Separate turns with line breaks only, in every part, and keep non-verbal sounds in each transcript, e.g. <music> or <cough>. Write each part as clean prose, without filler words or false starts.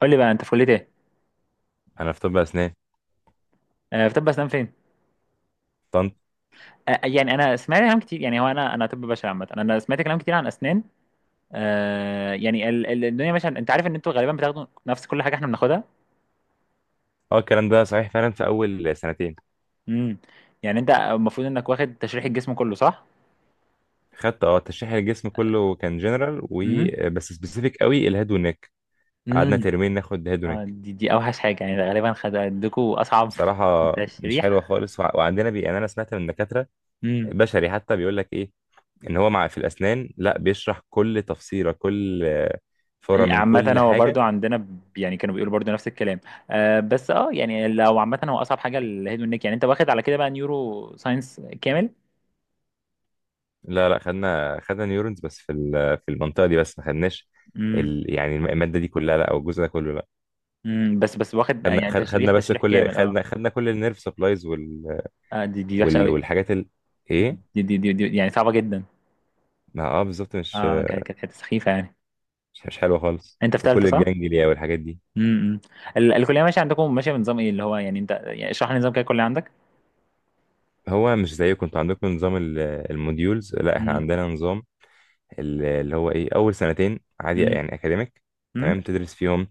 قول لي بقى انت في كليه ايه؟
انا في طب اسنان
في طب اسنان فين؟
طنط.
يعني انا سمعت كلام كتير، يعني هو انا طب بشري. عامه انا سمعت كلام كتير عن اسنان. يعني الدنيا ماشيه، انت عارف ان انتوا غالبا بتاخدوا نفس كل حاجه احنا بناخدها.
اه، الكلام ده صحيح فعلا في اول سنتين.
امم يعني انت المفروض انك واخد تشريح الجسم كله، صح؟
خدت تشريح الجسم كله، كان جنرال
امم
وبس سبيسيفيك قوي الهيد والنك. قعدنا
امم
ترمين ناخد هيد ونك.
دي اوحش حاجه، يعني غالبا خد عندكم اصعب.
بصراحه
<laughs>
مش حلوه
تشريح.
خالص، وعندنا بي، يعني انا سمعت من دكاتره
امم
بشري حتى بيقول لك ايه، ان هو مع في الاسنان لا بيشرح كل تفصيله كل، فوره من
عامة
كل
هو
حاجه.
برضو عندنا يعني كانوا بيقولوا برضو نفس الكلام. آه بس يعني لو عامة هو أصعب حاجة الهيد والنيك. يعني أنت واخد على كده بقى نيورو ساينس كامل؟
لا، لا، خدنا نيورونز، بس في المنطقه دي، بس ما خدناش
امم
يعني الماده دي كلها، لا، او الجزء ده كله، لا.
بس واخد
خدنا
يعني
خد-
تشريح
خدنا بس
تشريح
كل
كامل،
خدنا
اه.
خدنا كل النيرف سبلايز
اه دي وحشه
وال...
قوي.
والحاجات ايه.
دي يعني صعبه جدا.
ما، بالظبط، مش
اه كانت حته سخيفه يعني.
مش مش حلوه خالص،
انت في
وكل
ثالثه صح؟
الجانجليا والحاجات دي.
امم. الكليه ماشيه عندكم، ماشيه بنظام ايه؟ اللي هو يعني انت يعني اشرح لي نظام كده الكليه عندك.
هو مش زيكم، انتوا عندكم نظام الموديولز، لا، احنا
امم
عندنا نظام اللي هو ايه، اول سنتين عادي
امم
يعني اكاديميك،
امم
تمام، تدرس فيهم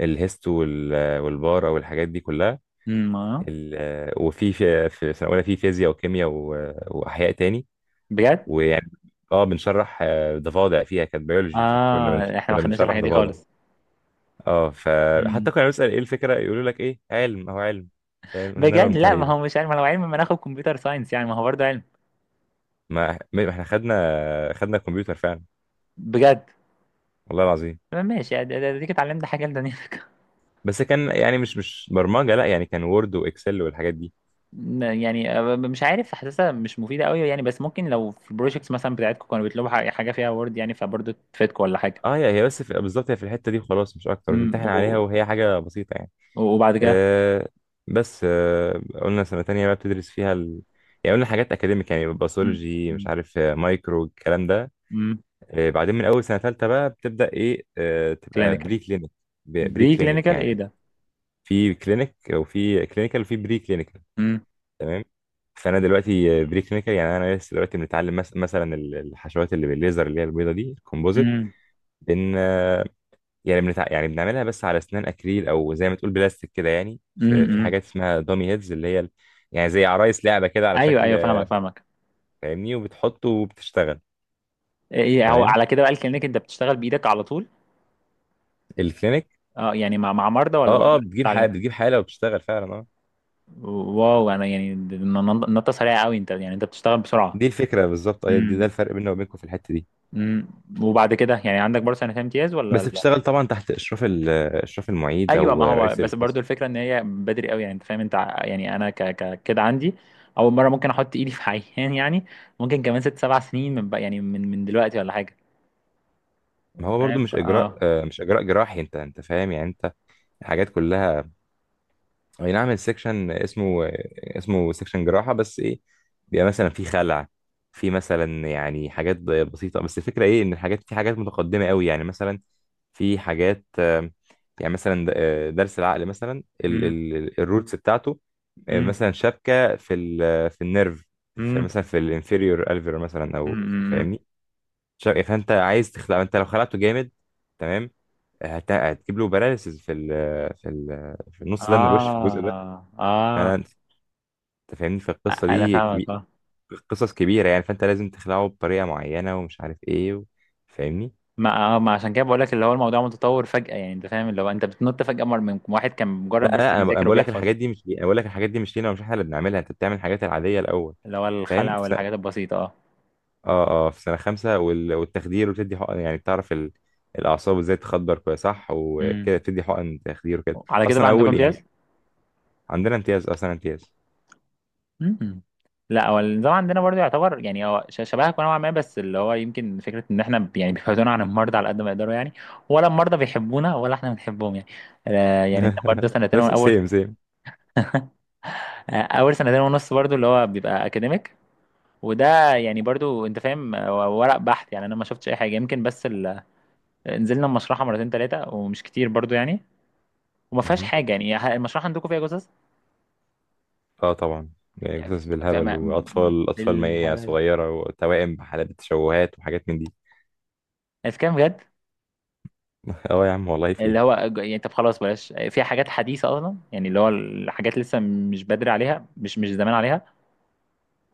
الهيست والبار او الحاجات دي كلها،
اه،
ال... وفي في في سنه اولى في فيزياء وكيمياء واحياء تاني.
بجد؟
ويعني، اه بنشرح ضفادع، فيها كانت بيولوجي،
اه احنا ما
كنا
خدناش
بنشرح
الحاجه دي
ضفادع.
خالص.
اه، فحتى
امم
كنا بنسأل ايه الفكرة، يقولوا لك ايه، علم، هو علم. فاهم، قلنا
بجد؟
لهم
لا ما
طيب.
هو مش علم، ما لو علم ما ناخد كمبيوتر ساينس، يعني ما هو برضه علم.
ما احنا خدنا كمبيوتر فعلا،
بجد؟
والله العظيم.
ماشي، اديك اتعلمت حاجه لدنيا.
بس كان يعني مش برمجة، لا، يعني كان وورد واكسل والحاجات دي.
يعني مش عارف، حاسسها مش مفيدة قوي يعني، بس ممكن لو في البروجيكتس مثلا بتاعتكم كانوا بيطلبوا حاجة فيها وورد يعني، فبرضه تفيدكم ولا حاجة.
اه، هي بس في بالظبط، هي في الحتة دي خلاص، مش اكتر،
امم
وتمتحن عليها،
و-
وهي حاجة بسيطة يعني.
وبعد كده.
آه بس، قلنا سنة تانية بقى، بتدرس فيها يعني قلنا حاجات اكاديميك، يعني باثولوجي، مش عارف، مايكرو الكلام ده.
امم
بعدين من اول سنه ثالثه بقى بتبدا ايه، تبقى
كلينيكال.
بري كلينيك، بري
بري
كلينيك
كلينيكال، ايه
يعني.
ده؟
في كلينيك وفي كلينيكال وفي بري كلينيكال،
امم
تمام. فانا دلوقتي بري كلينيكال، يعني انا لسه دلوقتي بنتعلم، مثلا الحشوات اللي بالليزر اللي هي البيضه دي الكومبوزيت،
امم
بن آه، يعني يعني بنعملها بس على اسنان اكريل، او زي ما تقول بلاستيك كده يعني، في
امم
حاجات اسمها دامي هيدز اللي هي يعني زي عرايس لعبه كده على
ايوه
شكل،
ايوه، فاهمك فاهمك.
فاهمني، وبتحطه وبتشتغل.
ايه هو
تمام،
على كده بقى الكلينيكال انت بتشتغل بإيدك على طول؟
الكلينيك.
اه، يعني مع مرضى ولا
اه،
برضه
اه، بتجيب حاله،
بتتعلم؟
بتجيب حاله، وبتشتغل فعلا.
واو، انا يعني نطة سريعة قوي، انت يعني انت بتشتغل بسرعة.
دي الفكرة بالظبط، أيوة، ده
امم
الفرق بيننا وبينكم في الحتة دي.
امم وبعد كده يعني عندك برضه سنتين امتياز
بس
ولا؟
بتشتغل طبعا تحت إشراف المعيد
ايوه،
أو
ما هو
رئيس
بس برضو
القسم.
الفكره ان هي بدري قوي. يعني انت فاهم، انت يعني انا ك ك كده عندي اول مره ممكن احط ايدي في عيان، يعني ممكن كمان ست سبع سنين من بقى، يعني من دلوقتي ولا حاجه.
ما هو
فاهم،
برضو مش إجراء جراحي، أنت فاهم، يعني أنت حاجات كلها. اي نعم، السكشن اسمه سكشن جراحة، بس ايه، بيبقى مثلا في خلع، في مثلا يعني حاجات بسيطة، بس الفكرة ايه، ان في حاجات متقدمة قوي، يعني مثلا في حاجات، يعني مثلا درس العقل مثلا،
امم
الروتس بتاعته،
امم
مثلا شبكة في النيرف، في
امم
مثلا في الانفيريور الفير مثلا، او
امم
فاهمني، شبكة، فانت عايز تخلع، انت لو خلعته جامد تمام، هتجيب له باراليسز في ال في ال في النص ده من الوش، في الجزء ده.
اه اه.
فعلا انت فاهمني، في القصه
انا
دي
فاهمك،
كبير،
اه.
قصص كبيره يعني، فانت لازم تخلعه بطريقه معينه، ومش عارف ايه فاهمني.
ما عشان كده بقول لك، اللي هو الموضوع متطور فجاه. يعني انت فاهم، اللي هو انت بتنط فجاه، مر من واحد كان
لا،
مجرد بس
لا، أنا
بيذاكر
بقول لك
وبيحفظ.
الحاجات دي مش لي- انا بقول لك الحاجات دي مش لينا، ومش احنا اللي بنعملها، انت بتعمل الحاجات العاديه الاول،
اللي هو
فاهم،
الخلع
في
والحاجات البسيطه، اه.
اه، اه، في سنه خمسه والتخدير وتدي حقن، يعني بتعرف الاعصاب ازاي تخدر كويس صح،
امم
وكده تدي حقن تخدير، وكده
على كده بقى
اصلا
عندكم
اول يعني.
امتياز؟
عندنا امتياز، اصلا امتياز.
مم. لا هو النظام عندنا برضه يعتبر يعني هو شبهك نوعا ما، بس اللي هو يمكن فكره ان احنا يعني بيبعدونا عن المرضى على قد ما يقدروا يعني، ولا المرضى بيحبونا ولا احنا بنحبهم يعني. يعني انت برضه
<laughs>
سنتين
نفس
اول.
سيم سيم.
<laughs> اول سنتين ونص برضو اللي هو بيبقى اكاديميك. وده يعني برضو انت فاهم، هو ورق بحث، يعني انا ما شفتش اي حاجه يمكن بس ال... نزلنا المشرحه مرتين ثلاثه ومش كتير برضو يعني. وما فيهاش حاجه يعني، المشرحه عندكم فيها جثث؟
اه طبعا، يعني
يعني
قصص
في...
بالهبل،
ما...
واطفال اطفال مية
بالهبل
صغيره، وتوائم بحالات تشوهات وحاجات من دي.
الكلام، بجد؟
<laughs> اه يا عم والله في
اللي هو
ايه.
يعني طب خلاص بلاش، في حاجات حديثة أصلا، يعني اللي هو الحاجات لسه مش بدري عليها، مش زمان عليها.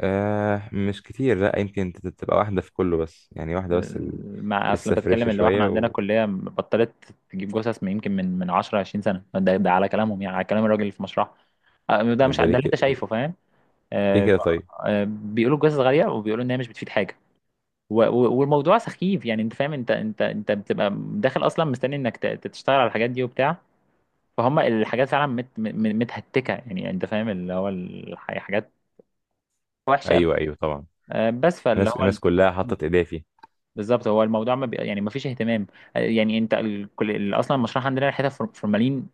مش كتير، لا، يمكن تبقى واحده في كله، بس يعني واحده بس،
مع أصلا
لسه
بتكلم،
فريشه
اللي هو إحنا
شويه
عندنا
و...
كلية بطلت تجيب جثث من يمكن من 10 20 سنة، ده على كلامهم يعني، على كلام الراجل اللي في مشروعها. ده مش ده
ده ليه
اللي أنت
كده؟
شايفه، فاهم؟
ليه
آه،
كده طيب؟
بيقولوا الجثث غالية، وبيقولوا إن هي مش بتفيد حاجة والموضوع سخيف. يعني أنت فاهم، أنت بتبقى داخل أصلا مستني إنك تشتغل على الحاجات دي وبتاع، فهم الحاجات فعلا متهتكه، يعني يعني انت فاهم، اللي هو الحاجات وحشه قوي.
ايوه، ايوه، طبعا،
بس فاللي
الناس
هو
الناس كلها حطت ايديها فيه.
بالظبط. هو الموضوع ما بي... يعني ما فيش اهتمام. يعني انت ال... كل... اصلا المشروع عندنا ريحتها فورمالين،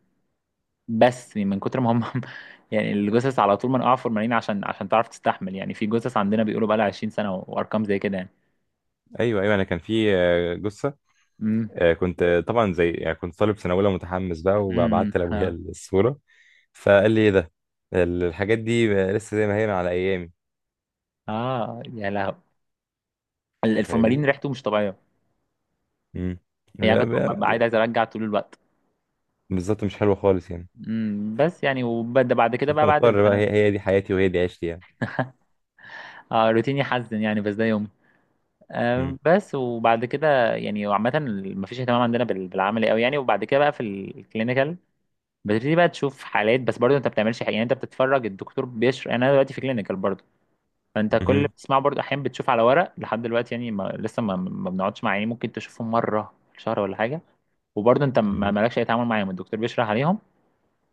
بس يعني من كتر ما هم <laughs> يعني الجثث على طول منقوعه فورمالين عشان عشان تعرف تستحمل، يعني في جثث عندنا بيقولوا بقى لها 20 سنه وارقام زي كده يعني.
ايوه، ايوه، انا كان في جثه،
امم
كنت طبعا زي، يعني كنت طالب سنه اولى متحمس بقى،
امم
وبعت لابويا
اه
الصوره، فقال لي ايه ده؟ الحاجات دي لسه زي ما هي من على ايامي.
يا لهو،
انت
الفورمالين
فاهمني.
ريحته مش طبيعيه،
مم.
يعني
لا،
كنت ببقى عايز ارجع طول الوقت.
بالظبط مش حلوة خالص يعني.
بس يعني وبعد
بس
كده
انت
بقى بعد
مضطر بقى، هي
السنه.
هي دي حياتي وهي دي عيشتي يعني.
<laughs> اه روتيني حزن يعني، بس ده يوم.
مم.
بس وبعد كده يعني عامة مفيش اهتمام عندنا بالعملي قوي يعني. وبعد كده بقى في الكلينيكال بتبتدي بقى تشوف حالات، بس برضه انت بتعملش حاجة. يعني انت بتتفرج، الدكتور بيشرح. يعني انا دلوقتي في كلينيكال برضه، فانت كل اللي
مهم.
بتسمعه برضه احيانا بتشوف على ورق لحد دلوقتي يعني، ما لسه ما بنقعدش مع، يعني ممكن تشوفهم مرة في الشهر ولا حاجة. وبرضه انت ما
مهم.
مالكش اي تعامل معاهم، الدكتور بيشرح عليهم.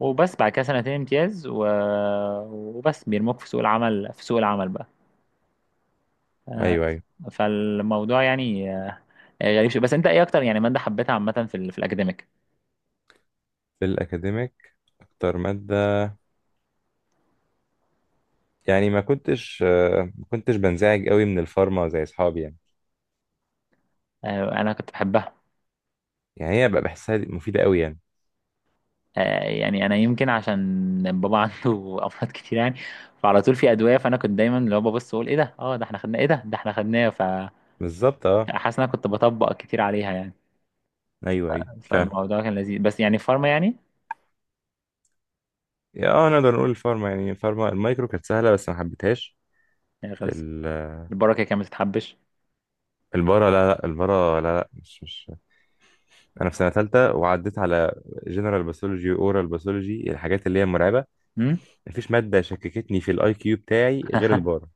وبس بعد كده سنتين امتياز و... وبس بيرموك في سوق العمل، في سوق العمل بقى. آه،
ايوه، ايوه،
فالموضوع يعني غريب شوية. بس انت ايه اكتر يعني مادة حبيتها عامة في الاكاديميك؟
في الاكاديميك اكتر مادة، يعني ما كنتش بنزعج قوي من الفارما زي اصحابي يعني.
انا كنت بحبها.
يعني هي بقى بحسها، دي مفيدة قوي يعني.
آه، يعني انا يمكن عشان بابا <laughs> عنده امراض كتير يعني، فعلى طول في ادوية، فانا كنت دايما اللي هو ببص اقول ايه ده، اه ده احنا خدناه، ايه ده، ده احنا خدناه، فحاسس
بالظبط، اه.
ان انا كنت بطبق كتير عليها يعني.
ايوه، ايوه، فعلا.
فالموضوع كان لذيذ، بس يعني فارما يعني.
يا، اه، نقدر نقول الفارما، يعني الفارما المايكرو كانت سهلة، بس ما حبيتهاش.
يعني خلص،
ال-
البركة كانت بتتحبش.
البارا لا لا، البارا لا لا، مش انا في سنة ثالثة، وعديت على جنرال باثولوجي، اورال باثولوجي، الحاجات اللي هي مرعبة.
مم؟
مفيش مادة شككتني في الاي كيو بتاعي غير البارة.
<laughs>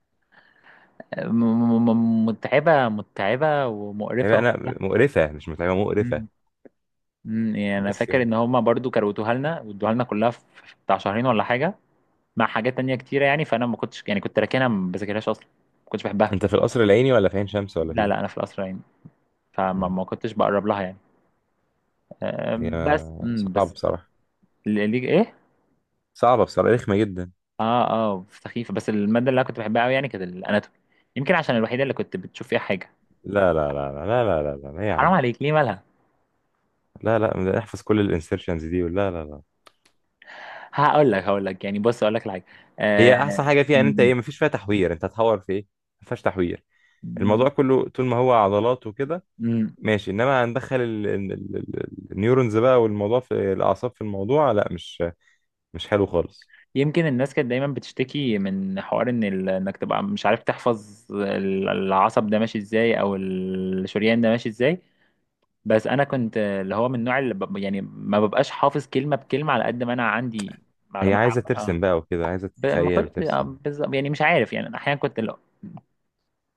متعبة متعبة ومقرفة
يعني انا،
وبتاع.
مقرفة مش متعبة، مقرفة،
يعني انا
بس
فاكر
يعني،
ان هما برضو كروتوها لنا وادوها لنا كلها في بتاع شهرين ولا حاجه، مع حاجات تانية كتيره يعني، فانا ما كنتش يعني كنت راكنها ما بذاكرهاش اصلا، ما كنتش بحبها.
انت في القصر العيني ولا في عين شمس ولا
لا
فين؟
لا، انا في القصر يعني، فما
مم.
ما كنتش بقرب لها يعني. أم، بس
يا، صعب
بس
بصراحة،
ايه؟
صعبة بصراحة، رخمة جدا.
اه اه سخيفه. بس الماده اللي انا كنت بحبها قوي يعني كانت الاناتومي. يمكن عشان الوحيده اللي كنت بتشوف فيها حاجه.
لا، لا، لا، لا، لا، لا، لا، لا، لا، يا
حرام
عم،
عليك، ليه مالها؟
لا، لا، ده احفظ كل الانسرشنز دي، لا، لا، لا.
هقول لك يعني، بص اقول لك الحاجه. آه...
هي احسن حاجة فيها، ان انت ايه، مفيش فيها تحوير، انت هتحور في ايه؟ مفيهاش تحوير، الموضوع كله طول ما هو عضلات وكده
امم
ماشي، انما هندخل النيورونز بقى، والموضوع في الاعصاب، في الموضوع لا، مش حلو خالص.
يمكن الناس كانت دايما بتشتكي من حوار ان ال... انك تبقى مش عارف تحفظ العصب ده ماشي ازاي او الشريان ده ماشي ازاي. بس انا كنت اللي هو من النوع اللي ب... يعني ما ببقاش حافظ كلمة بكلمة، على قد ما انا عندي
هي
معلومات
عايزة
عامة، اه.
ترسم بقى وكده، عايزة
ب... ما
تتخيل
كنت آه،
وترسم.
بالظبط يعني. مش عارف، يعني أنا احيانا كنت لو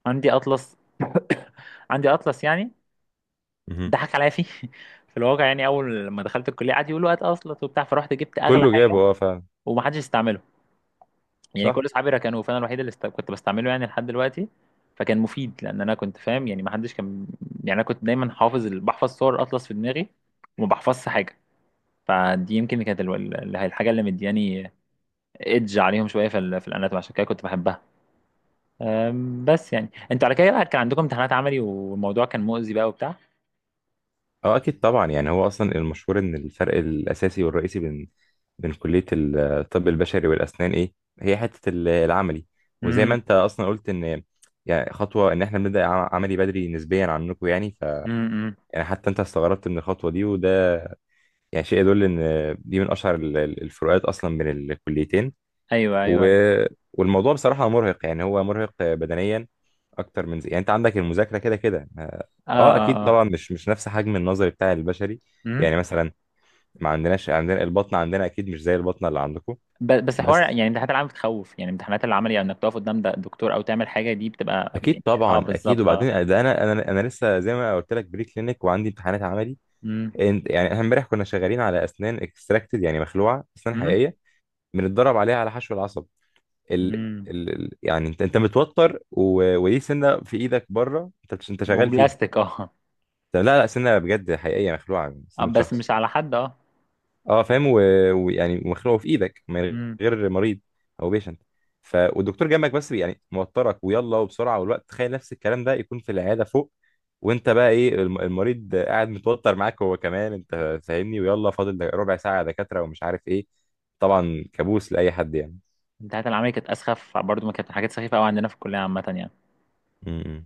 عندي اطلس <coughs> عندي اطلس يعني،
مهم.
ضحك عليا فيه. <laughs> في الواقع يعني اول ما دخلت الكلية قعد يقولوا هات اطلس وبتاع، فرحت جبت اغلى
كله جابه
حاجة.
اه فعلا،
ومحدش استعمله، يعني كل
صح.
اصحابي ركنوه، فانا الوحيد اللي است... كنت بستعمله يعني لحد دلوقتي. فكان مفيد، لان انا كنت فاهم، يعني ما حدش كان. يعني انا كنت دايما حافظ ال... بحفظ صور اطلس في دماغي، وما بحفظش حاجه. فدي يمكن كانت ال... الحاجه اللي مدياني ايدج عليهم شويه في ال... في الاناتومي، عشان كده كنت بحبها. بس يعني انتوا على كده بقى كان عندكم امتحانات عملي والموضوع كان مؤذي بقى وبتاع.
اه اكيد طبعا، يعني هو اصلا المشهور ان الفرق الاساسي والرئيسي بين كلية الطب البشري والاسنان ايه، هي حتة العملي. وزي ما
امم
انت اصلا قلت، ان يعني خطوة ان احنا بنبدأ عملي بدري نسبيا عنكم يعني،
أمم.
يعني حتى انت استغربت من الخطوة دي، وده يعني شيء يدل ان دي من اشهر الفروقات اصلا بين الكليتين،
ايوه ايوه
و...
ايوه،
والموضوع بصراحة مرهق، يعني هو مرهق بدنيا أكتر من زي، يعني أنت عندك المذاكرة كده كده،
اه
أكيد
اه
طبعا، مش نفس حجم النظري بتاع البشري،
اه.
يعني مثلا، ما عندناش، عندنا البطنة، عندنا أكيد مش زي البطنة اللي عندكم.
بس حوار
بس
يعني امتحانات العمل بتخوف، يعني امتحانات العمل يعني انك تقف قدام ده دكتور او تعمل حاجه دي بتبقى
أكيد
يعني اه
طبعا أكيد،
بالظبط اه.
وبعدين ده أنا لسه زي ما قلت لك، بري كلينيك وعندي امتحانات عملي.
امم
يعني إحنا إمبارح كنا شغالين على أسنان اكستراكتد، يعني مخلوعة، أسنان
امم
حقيقية، بنتدرب عليها على حشو العصب، ال...
امم
يعني انت متوتر وليه سنه في ايدك بره، انت شغال فيها.
وبلاستيك اه.
طب، لا، لا، سنه بجد حقيقيه، مخلوعه من
اه
سنه
بس
شخص،
مش على حد اه.
اه فاهم، ويعني ويعني مخلوعه في ايدك من
امم
غير مريض او بيشنت. والدكتور جنبك، بس يعني موترك، ويلا وبسرعه والوقت، تخيل نفس الكلام ده يكون في العياده فوق، وانت بقى ايه، المريض قاعد متوتر معاك هو كمان، انت فاهمني، ويلا فاضل ربع ساعه يا دكاتره، ومش عارف ايه. طبعا كابوس لاي حد يعني.
امتحانات العمل كانت اسخف برضو، ما كانت حاجات سخيفه قوي عندنا في الكليه عامه يعني.
م- م.